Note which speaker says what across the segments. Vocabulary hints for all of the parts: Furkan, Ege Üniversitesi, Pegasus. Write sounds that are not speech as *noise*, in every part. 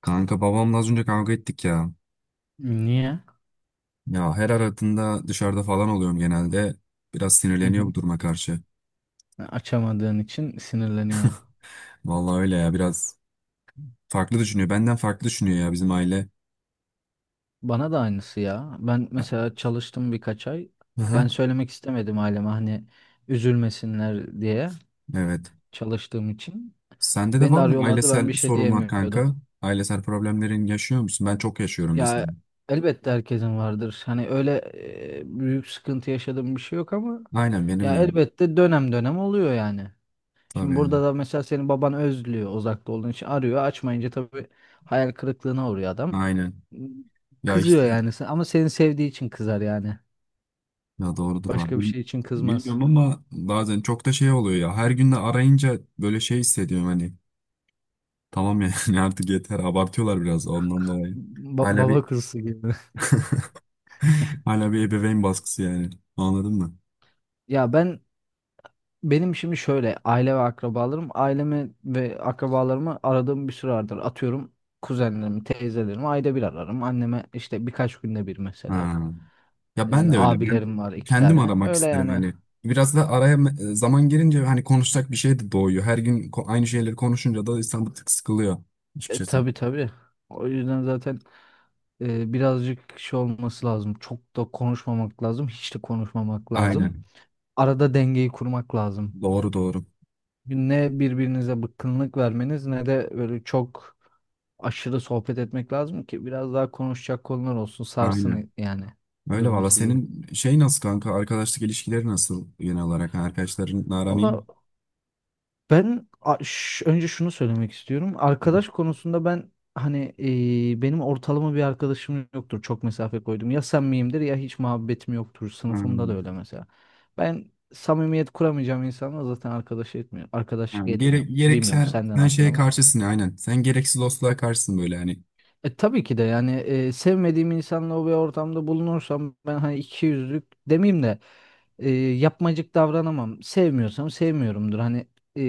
Speaker 1: Kanka babamla az önce kavga ettik ya.
Speaker 2: Niye?
Speaker 1: Ya her aradığında dışarıda falan oluyorum genelde. Biraz
Speaker 2: Hı
Speaker 1: sinirleniyor
Speaker 2: hı.
Speaker 1: bu duruma karşı.
Speaker 2: Açamadığın için sinirleniyor.
Speaker 1: Vallahi öyle ya biraz farklı düşünüyor. Benden farklı düşünüyor ya bizim aile.
Speaker 2: Bana da aynısı ya. Ben mesela çalıştım birkaç ay. Ben
Speaker 1: Aha.
Speaker 2: söylemek istemedim aileme, hani üzülmesinler diye,
Speaker 1: Evet.
Speaker 2: çalıştığım için.
Speaker 1: Sende de
Speaker 2: Beni de
Speaker 1: var mı
Speaker 2: arıyorlardı, ben
Speaker 1: ailesel
Speaker 2: bir şey
Speaker 1: sorunlar
Speaker 2: diyemiyordum.
Speaker 1: kanka? Ailesel problemlerin yaşıyor musun? Ben çok yaşıyorum mesela.
Speaker 2: Ya, elbette herkesin vardır. Hani öyle büyük sıkıntı yaşadığım bir şey yok ama
Speaker 1: Aynen benim
Speaker 2: ya
Speaker 1: de.
Speaker 2: elbette dönem dönem oluyor yani. Şimdi
Speaker 1: Tabii.
Speaker 2: burada da mesela senin baban özlüyor uzakta olduğun için arıyor. Açmayınca tabii hayal kırıklığına uğruyor adam.
Speaker 1: Aynen. Ya
Speaker 2: Kızıyor
Speaker 1: işte.
Speaker 2: yani ama seni sevdiği için kızar yani.
Speaker 1: Ya doğrudur lan.
Speaker 2: Başka bir şey için kızmaz.
Speaker 1: Bilmiyorum ama bazen çok da şey oluyor ya. Her gün de arayınca böyle şey hissediyorum hani. Tamam yani *laughs* artık yeter abartıyorlar biraz ondan dolayı. Hala
Speaker 2: Baba
Speaker 1: bir
Speaker 2: kuzusu gibi.
Speaker 1: *laughs* hala bir ebeveyn baskısı yani. Anladın mı?
Speaker 2: *laughs* Ya benim şimdi şöyle ailemi ve akrabalarımı aradığım bir süre vardır. Atıyorum, kuzenlerimi, teyzelerimi ayda bir ararım. Anneme işte birkaç günde bir mesela.
Speaker 1: Ha. Ya ben de öyle. Ben
Speaker 2: Abilerim var iki
Speaker 1: kendim
Speaker 2: tane.
Speaker 1: aramak
Speaker 2: Öyle
Speaker 1: isterim
Speaker 2: yani.
Speaker 1: hani. Biraz da araya zaman girince hani konuşacak bir şey de doğuyor. Her gün aynı şeyleri konuşunca da insan bir tık sıkılıyor açıkçası.
Speaker 2: Tabii, tabii. O yüzden zaten birazcık şey olması lazım. Çok da konuşmamak lazım. Hiç de konuşmamak lazım.
Speaker 1: Aynen.
Speaker 2: Arada dengeyi kurmak lazım.
Speaker 1: Doğru doğru.
Speaker 2: Ne birbirinize bıkkınlık vermeniz ne de böyle çok aşırı sohbet etmek lazım ki biraz daha konuşacak konular olsun.
Speaker 1: Aynen.
Speaker 2: Sarsın yani
Speaker 1: Öyle
Speaker 2: durum
Speaker 1: valla.
Speaker 2: sizi.
Speaker 1: Senin şey nasıl kanka? Arkadaşlık ilişkileri nasıl genel olarak? Yani arkadaşların aran iyi
Speaker 2: Valla, ben önce şunu söylemek istiyorum.
Speaker 1: mi?
Speaker 2: Arkadaş konusunda ben, hani, benim ortalama bir arkadaşım yoktur. Çok mesafe koydum. Ya samimiyimdir ya hiç muhabbetim yoktur. Sınıfımda da
Speaker 1: Hmm.
Speaker 2: öyle mesela. Ben samimiyet kuramayacağım insanla zaten arkadaş etmiyorum. Arkadaşlık
Speaker 1: Yani gere
Speaker 2: etmiyorum.
Speaker 1: gerek
Speaker 2: Bilmiyorum
Speaker 1: sen,
Speaker 2: senden
Speaker 1: sen
Speaker 2: nasıl
Speaker 1: şeye
Speaker 2: ama.
Speaker 1: karşısın aynen. Sen gereksiz losluğa karşısın böyle hani.
Speaker 2: Tabii ki de yani sevmediğim insanla o bir ortamda bulunursam, ben hani iki yüzlük demeyeyim de yapmacık davranamam. Sevmiyorsam sevmiyorumdur. Hani e,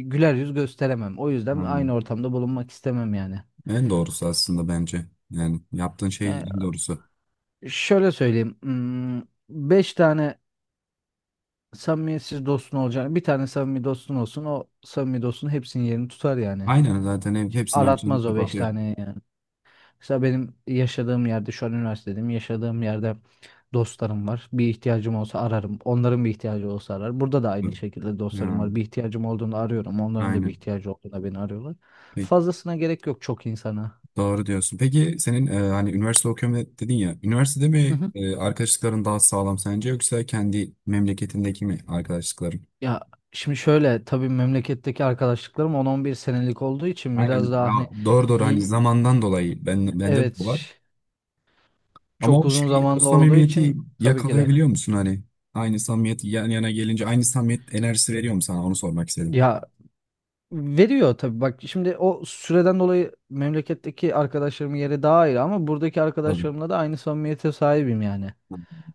Speaker 2: güler yüz gösteremem. O yüzden
Speaker 1: Hmm.
Speaker 2: aynı ortamda bulunmak istemem yani.
Speaker 1: En doğrusu aslında bence. Yani yaptığın şey
Speaker 2: Yani
Speaker 1: en doğrusu.
Speaker 2: şöyle söyleyeyim. Beş tane samimiyetsiz dostun olacağını bir tane samimi dostun olsun, o samimi dostun hepsinin yerini tutar yani.
Speaker 1: Aynen zaten
Speaker 2: Hiç
Speaker 1: hepsini harcayıp
Speaker 2: aratmaz o beş
Speaker 1: kapatıyor.
Speaker 2: tane yani. Mesela benim yaşadığım yerde, şu an üniversitedeyim, yaşadığım yerde dostlarım var. Bir ihtiyacım olsa ararım. Onların bir ihtiyacı olsa arar. Burada da aynı şekilde dostlarım
Speaker 1: Ha,
Speaker 2: var. Bir ihtiyacım olduğunda arıyorum. Onların da bir
Speaker 1: aynen.
Speaker 2: ihtiyacı olduğunda beni arıyorlar.
Speaker 1: Peki,
Speaker 2: Fazlasına gerek yok, çok insana.
Speaker 1: doğru diyorsun. Peki senin hani üniversite okuyorum dedin ya. Üniversitede
Speaker 2: Hı
Speaker 1: mi
Speaker 2: hı.
Speaker 1: arkadaşlıkların daha sağlam sence yoksa kendi memleketindeki mi arkadaşlıkların?
Speaker 2: Ya, şimdi şöyle tabii memleketteki arkadaşlıklarım on-on bir senelik olduğu için
Speaker 1: Aynen.
Speaker 2: biraz daha hani
Speaker 1: Ya, doğru doğru hani
Speaker 2: y-
Speaker 1: zamandan dolayı ben bende de bu
Speaker 2: evet,
Speaker 1: var. Ama
Speaker 2: çok
Speaker 1: o
Speaker 2: uzun
Speaker 1: şeyi, o
Speaker 2: zamanlı olduğu
Speaker 1: samimiyeti
Speaker 2: için tabii ki de,
Speaker 1: yakalayabiliyor musun hani? Aynı samimiyet yan yana gelince aynı samimiyet enerjisi veriyor mu sana? Onu sormak istedim.
Speaker 2: ya, veriyor tabii, bak şimdi o süreden dolayı memleketteki arkadaşlarımın yeri daha ayrı ama buradaki
Speaker 1: Tabii.
Speaker 2: arkadaşlarımla da aynı samimiyete sahibim yani.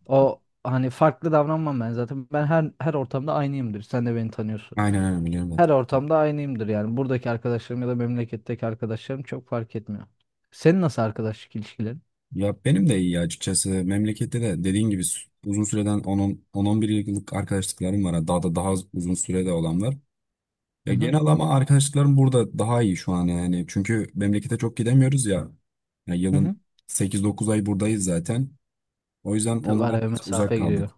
Speaker 2: O hani farklı davranmam ben zaten. Ben her ortamda aynıyımdır. Sen de beni tanıyorsun.
Speaker 1: Aynen aynen biliyorum
Speaker 2: Her
Speaker 1: zaten.
Speaker 2: ortamda aynıyımdır yani. Buradaki arkadaşlarım ya da memleketteki arkadaşlarım çok fark etmiyor. Senin nasıl arkadaşlık ilişkilerin?
Speaker 1: Ya benim de iyi açıkçası. Memlekette de dediğin gibi uzun süreden on bir yıllık arkadaşlıklarım var. Yani daha da daha uzun sürede olan var. Ya
Speaker 2: Hı hı.
Speaker 1: genel ama arkadaşlıklarım burada daha iyi şu an yani. Çünkü memlekete çok gidemiyoruz ya. Ya
Speaker 2: Hı hı.
Speaker 1: yılın sekiz dokuz ay buradayız zaten. O yüzden
Speaker 2: Tabii
Speaker 1: onlardan
Speaker 2: araya
Speaker 1: biraz uzak
Speaker 2: mesafe
Speaker 1: kaldık.
Speaker 2: giriyor.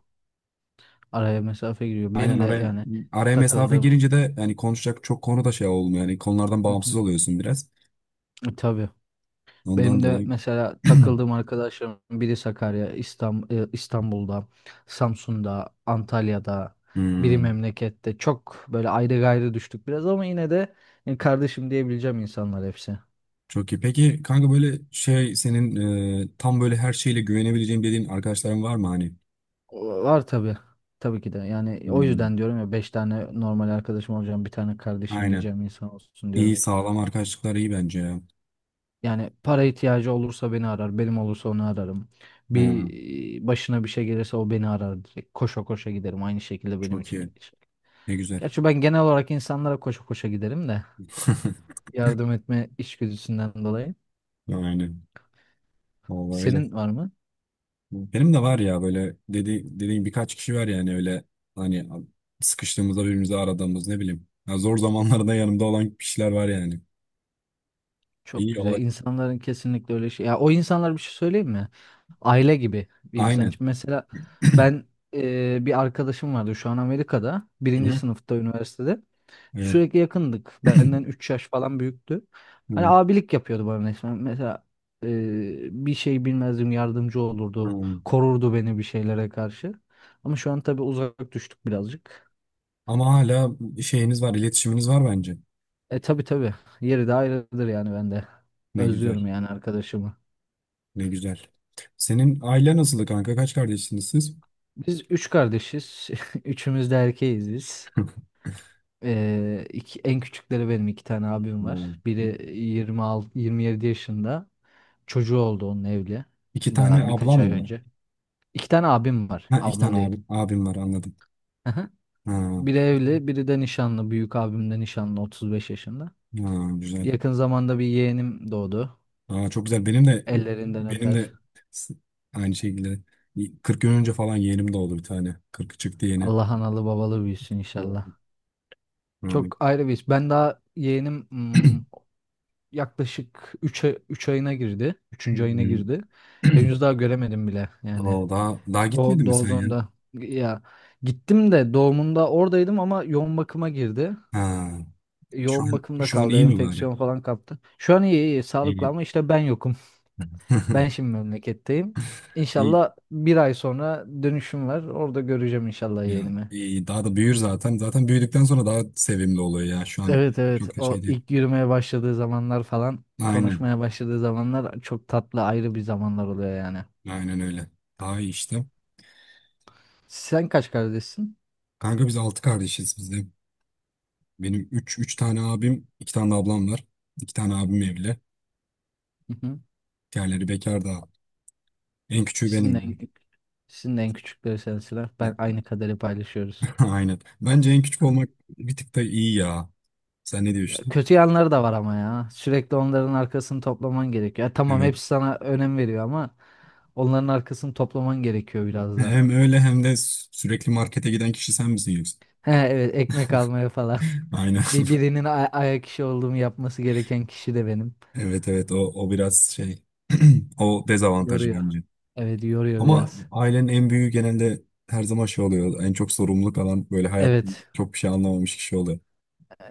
Speaker 2: Araya mesafe giriyor.
Speaker 1: Aynen,
Speaker 2: Benim de
Speaker 1: araya
Speaker 2: yani
Speaker 1: araya mesafe
Speaker 2: takıldığım.
Speaker 1: girince de yani konuşacak çok konu da şey olmuyor. Yani konulardan
Speaker 2: Hı hı.
Speaker 1: bağımsız oluyorsun biraz.
Speaker 2: Tabii.
Speaker 1: Ondan
Speaker 2: Benim de
Speaker 1: dolayı.
Speaker 2: mesela
Speaker 1: *clears throat*
Speaker 2: takıldığım arkadaşlarım biri Sakarya, İstanbul'da, Samsun'da, Antalya'da, biri
Speaker 1: Hmm,
Speaker 2: memlekette. Çok böyle ayrı gayrı düştük biraz ama yine de kardeşim diyebileceğim insanlar hepsi.
Speaker 1: çok iyi. Peki kanka böyle şey senin tam böyle her şeyle güvenebileceğim dediğin arkadaşların var mı hani?
Speaker 2: Var tabii. Tabii ki de. Yani o
Speaker 1: Hmm,
Speaker 2: yüzden diyorum ya, 5 tane normal arkadaşım olacağım, bir tane kardeşim
Speaker 1: aynen.
Speaker 2: diyeceğim insan olsun diyorum.
Speaker 1: İyi sağlam arkadaşlıklar iyi bence ya.
Speaker 2: Yani para ihtiyacı olursa beni arar, benim olursa onu ararım.
Speaker 1: Ha,
Speaker 2: Başına bir şey gelirse o beni arar direkt. Koşa koşa giderim. Aynı şekilde benim
Speaker 1: çok
Speaker 2: için de
Speaker 1: iyi.
Speaker 2: geçer.
Speaker 1: Ne güzel.
Speaker 2: Gerçi ben genel olarak insanlara koşa koşa giderim de,
Speaker 1: *laughs*
Speaker 2: yardım etme içgüdüsünden dolayı.
Speaker 1: Aynen. Vallahi öyle.
Speaker 2: Senin var mı?
Speaker 1: Benim de var ya böyle dediğim birkaç kişi var yani öyle hani sıkıştığımızda birbirimizi aradığımız ne bileyim. Ya zor zamanlarda yanımda olan kişiler var yani.
Speaker 2: Çok
Speaker 1: İyi
Speaker 2: güzel.
Speaker 1: o
Speaker 2: İnsanların kesinlikle öyle şey. Ya o insanlar, bir şey söyleyeyim mi? Aile gibi bir insan
Speaker 1: aynen.
Speaker 2: için. Mesela ben bir arkadaşım vardı şu an Amerika'da.
Speaker 1: Hı
Speaker 2: Birinci
Speaker 1: hı.
Speaker 2: sınıfta üniversitede.
Speaker 1: Evet.
Speaker 2: Sürekli yakındık. Benden
Speaker 1: *clears throat*
Speaker 2: 3 yaş falan büyüktü. Hani
Speaker 1: Evet.
Speaker 2: abilik yapıyordu bana resmen. Mesela bir şey bilmezdim yardımcı olurdu.
Speaker 1: Hı.
Speaker 2: Korurdu beni bir şeylere karşı. Ama şu an tabii uzak düştük birazcık.
Speaker 1: Ama hala şeyiniz var, iletişiminiz var bence.
Speaker 2: E tabii tabii. Yeri de ayrıdır yani ben de.
Speaker 1: Ne güzel.
Speaker 2: Özlüyorum yani arkadaşımı.
Speaker 1: Ne güzel. Senin aile nasıldı kanka? Kaç kardeşsiniz siz?
Speaker 2: Biz üç kardeşiz. *laughs* Üçümüz de erkeğiz biz.
Speaker 1: *laughs*
Speaker 2: En küçükleri benim, iki tane abim var.
Speaker 1: Oo.
Speaker 2: Biri 26, 27 yaşında. Çocuğu oldu, onun evli.
Speaker 1: İki tane
Speaker 2: Daha birkaç
Speaker 1: ablam
Speaker 2: ay
Speaker 1: mı var?
Speaker 2: önce. İki tane abim var.
Speaker 1: Ha, iki
Speaker 2: Ablam
Speaker 1: tane
Speaker 2: değil.
Speaker 1: abim var anladım.
Speaker 2: Aha.
Speaker 1: Ha,
Speaker 2: Biri evli, biri de nişanlı. Büyük abim de nişanlı, 35 yaşında.
Speaker 1: ha, güzel.
Speaker 2: Yakın zamanda bir yeğenim doğdu.
Speaker 1: Aa, çok güzel. Benim de
Speaker 2: Ellerinden
Speaker 1: benim de
Speaker 2: öper.
Speaker 1: s- aynı şekilde 40 gün önce falan yeğenim doğdu bir tane. 40 çıktı yeni.
Speaker 2: Allah analı babalı büyüsün
Speaker 1: Doğru.
Speaker 2: inşallah.
Speaker 1: Yani-
Speaker 2: Çok ayrı bir iş. Ben daha yeğenim,
Speaker 1: *clears throat*
Speaker 2: yaklaşık üç ayına girdi. Üçüncü ayına
Speaker 1: Hmm.
Speaker 2: girdi.
Speaker 1: *clears throat*
Speaker 2: Henüz daha göremedim bile yani.
Speaker 1: Oo, daha gitmedin mi sen ya?
Speaker 2: Doğduğunda, ya, gittim de doğumunda oradaydım ama yoğun bakıma girdi.
Speaker 1: Ha, şu
Speaker 2: Yoğun
Speaker 1: an
Speaker 2: bakımda
Speaker 1: şu an
Speaker 2: kaldı.
Speaker 1: iyi mi bari?
Speaker 2: Enfeksiyon falan kaptı. Şu an iyi iyi sağlıklı
Speaker 1: İyi.
Speaker 2: ama işte ben yokum. Ben şimdi
Speaker 1: *laughs*
Speaker 2: memleketteyim.
Speaker 1: İyi.
Speaker 2: İnşallah bir ay sonra dönüşüm var. Orada göreceğim inşallah
Speaker 1: Ya,
Speaker 2: yeğenimi.
Speaker 1: iyi. Daha da büyür zaten. Zaten büyüdükten sonra daha sevimli oluyor ya. Şu an
Speaker 2: Evet, evet,
Speaker 1: çok da şey
Speaker 2: o
Speaker 1: değil.
Speaker 2: ilk yürümeye başladığı zamanlar falan,
Speaker 1: Aynen.
Speaker 2: konuşmaya başladığı zamanlar çok tatlı, ayrı bir zamanlar oluyor yani.
Speaker 1: Aynen öyle. Daha iyi işte.
Speaker 2: Sen kaç kardeşsin?
Speaker 1: Kanka biz 6 kardeşiz biz de. Benim üç tane abim, 2 tane de ablam var. 2 tane abim evli.
Speaker 2: Hı hı.
Speaker 1: Diğerleri bekar da. En küçüğü
Speaker 2: Sizin en,
Speaker 1: benim.
Speaker 2: sizin en küçükleri sensinler. Ben
Speaker 1: *laughs*
Speaker 2: aynı kaderi paylaşıyoruz.
Speaker 1: Aynen. Bence en küçük olmak bir tık da iyi ya. Sen ne
Speaker 2: Ya
Speaker 1: diyorsun?
Speaker 2: kötü yanları da var ama ya. Sürekli onların arkasını toplaman gerekiyor. Ya tamam,
Speaker 1: Evet.
Speaker 2: hepsi sana önem veriyor ama onların arkasını toplaman gerekiyor biraz da.
Speaker 1: Hem öyle hem de sürekli markete giden kişi sen misin yoksa?
Speaker 2: He, evet, ekmek almaya falan.
Speaker 1: *laughs* Aynen.
Speaker 2: *laughs* Bir
Speaker 1: *laughs*
Speaker 2: birinin ayak işi olduğumu yapması gereken kişi de benim.
Speaker 1: Evet evet o, o biraz şey. *clears throat* O dezavantajı
Speaker 2: Yoruyor.
Speaker 1: bence.
Speaker 2: Evet, yoruyor
Speaker 1: Ama
Speaker 2: biraz.
Speaker 1: ailenin en büyüğü genelde her zaman şey oluyor. En çok sorumluluk alan böyle hayattan
Speaker 2: Evet.
Speaker 1: çok bir şey anlamamış kişi oluyor.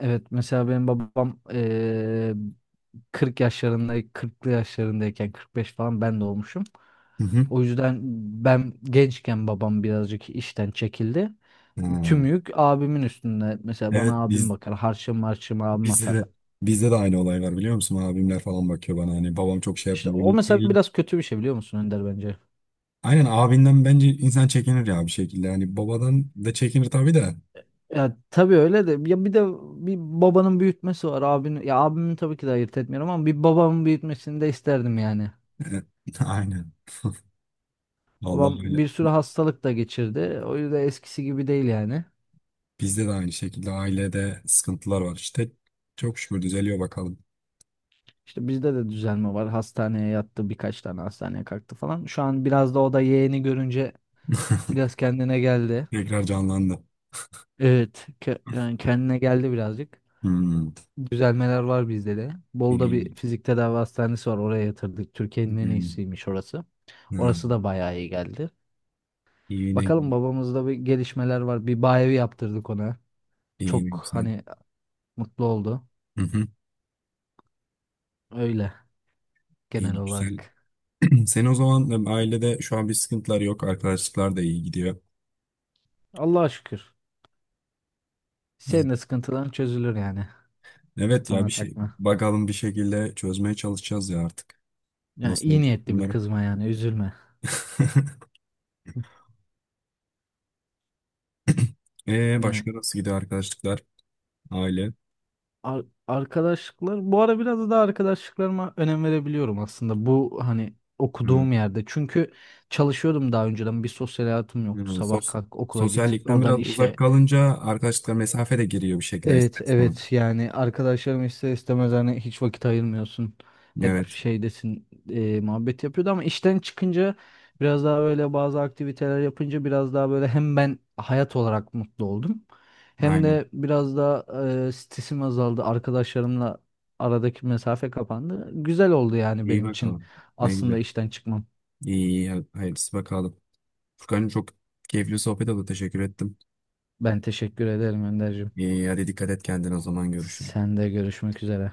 Speaker 2: Evet mesela benim babam 40 yaşlarında, 40'lı yaşlarındayken, 45 falan ben de olmuşum.
Speaker 1: Hı hı.
Speaker 2: O yüzden ben gençken babam birazcık işten çekildi.
Speaker 1: Ha.
Speaker 2: Tüm yük abimin üstünde. Mesela bana
Speaker 1: Evet
Speaker 2: abim
Speaker 1: biz
Speaker 2: bakar. Harçım abim
Speaker 1: Bizde de
Speaker 2: atar.
Speaker 1: bizde de aynı olay var biliyor musun? Abimler falan bakıyor bana hani babam çok şey
Speaker 2: İşte
Speaker 1: yapmıyor.
Speaker 2: o mesela biraz kötü bir şey, biliyor musun Önder, bence?
Speaker 1: Aynen abinden bence insan çekinir ya bir şekilde. Hani babadan da çekinir tabii de.
Speaker 2: Ya tabii öyle de, ya, bir de bir babanın büyütmesi var, abinin, ya abimin, tabii ki de ayırt etmiyorum ama bir babamın büyütmesini de isterdim yani.
Speaker 1: *laughs* Aynen.
Speaker 2: Babam
Speaker 1: Vallahi öyle.
Speaker 2: bir sürü hastalık da geçirdi. O yüzden eskisi gibi değil yani.
Speaker 1: Bizde de aynı şekilde ailede sıkıntılar var. İşte çok şükür düzeliyor bakalım.
Speaker 2: İşte bizde de düzelme var. Hastaneye yattı, birkaç tane hastaneye kalktı falan. Şu an biraz da o da yeğeni görünce
Speaker 1: *laughs*
Speaker 2: biraz kendine geldi.
Speaker 1: Tekrar canlandı.
Speaker 2: Evet, yani kendine geldi birazcık.
Speaker 1: Hmm.
Speaker 2: Düzelmeler var bizde de. Bolu'da
Speaker 1: İyi.
Speaker 2: bir fizik tedavi hastanesi var. Oraya yatırdık. Türkiye'nin en
Speaker 1: Hmm.
Speaker 2: iyisiymiş orası. Orası
Speaker 1: Hmm.
Speaker 2: da bayağı iyi geldi.
Speaker 1: İyi ne
Speaker 2: Bakalım, babamızda bir gelişmeler var. Bir bayevi yaptırdık ona.
Speaker 1: iyi ne
Speaker 2: Çok
Speaker 1: güzel.
Speaker 2: hani mutlu oldu.
Speaker 1: Hı hı.
Speaker 2: Öyle, genel
Speaker 1: İyi güzel.
Speaker 2: olarak.
Speaker 1: *clears throat* Sen o zaman ailede şu an bir sıkıntılar yok. Arkadaşlıklar da iyi gidiyor.
Speaker 2: Allah'a şükür. Senin de sıkıntıların çözülür yani.
Speaker 1: Evet ya
Speaker 2: Kafana
Speaker 1: bir şey
Speaker 2: takma.
Speaker 1: bakalım bir şekilde çözmeye çalışacağız ya artık.
Speaker 2: Yani
Speaker 1: Nasıl
Speaker 2: iyi
Speaker 1: olacak
Speaker 2: niyetli bir
Speaker 1: bilmiyorum.
Speaker 2: kızma, yani üzülme.
Speaker 1: *laughs*
Speaker 2: *laughs* Yani
Speaker 1: Başka nasıl gidiyor arkadaşlıklar, aile?
Speaker 2: arkadaşlıklar bu ara, biraz da arkadaşlıklarıma önem verebiliyorum aslında, bu hani
Speaker 1: Hı.
Speaker 2: okuduğum yerde. Çünkü çalışıyordum daha önceden, bir sosyal hayatım yoktu.
Speaker 1: Hı,
Speaker 2: Sabah kalk, okula git,
Speaker 1: Sosyallikten
Speaker 2: oradan
Speaker 1: biraz uzak
Speaker 2: işe.
Speaker 1: kalınca arkadaşlıklar mesafe de giriyor bir şekilde
Speaker 2: Evet,
Speaker 1: ister istemez.
Speaker 2: evet, yani arkadaşlarım, ister istemez, hani hiç vakit ayırmıyorsun. Hep
Speaker 1: Evet,
Speaker 2: şeydesin, muhabbet yapıyordu ama işten çıkınca biraz daha böyle, bazı aktiviteler yapınca biraz daha böyle, hem ben hayat olarak mutlu oldum. Hem
Speaker 1: aynen.
Speaker 2: de biraz daha stresim azaldı. Arkadaşlarımla aradaki mesafe kapandı. Güzel oldu yani
Speaker 1: İyi
Speaker 2: benim için
Speaker 1: bakalım. Ne
Speaker 2: aslında
Speaker 1: güzel.
Speaker 2: işten çıkmam.
Speaker 1: İyi, iyi hadi hayırlısı bakalım. Furkan'cığım çok keyifli sohbet oldu. Teşekkür ettim.
Speaker 2: Ben teşekkür ederim Önderciğim.
Speaker 1: İyi, hadi dikkat et kendine o zaman görüşürüz.
Speaker 2: Sen de görüşmek üzere.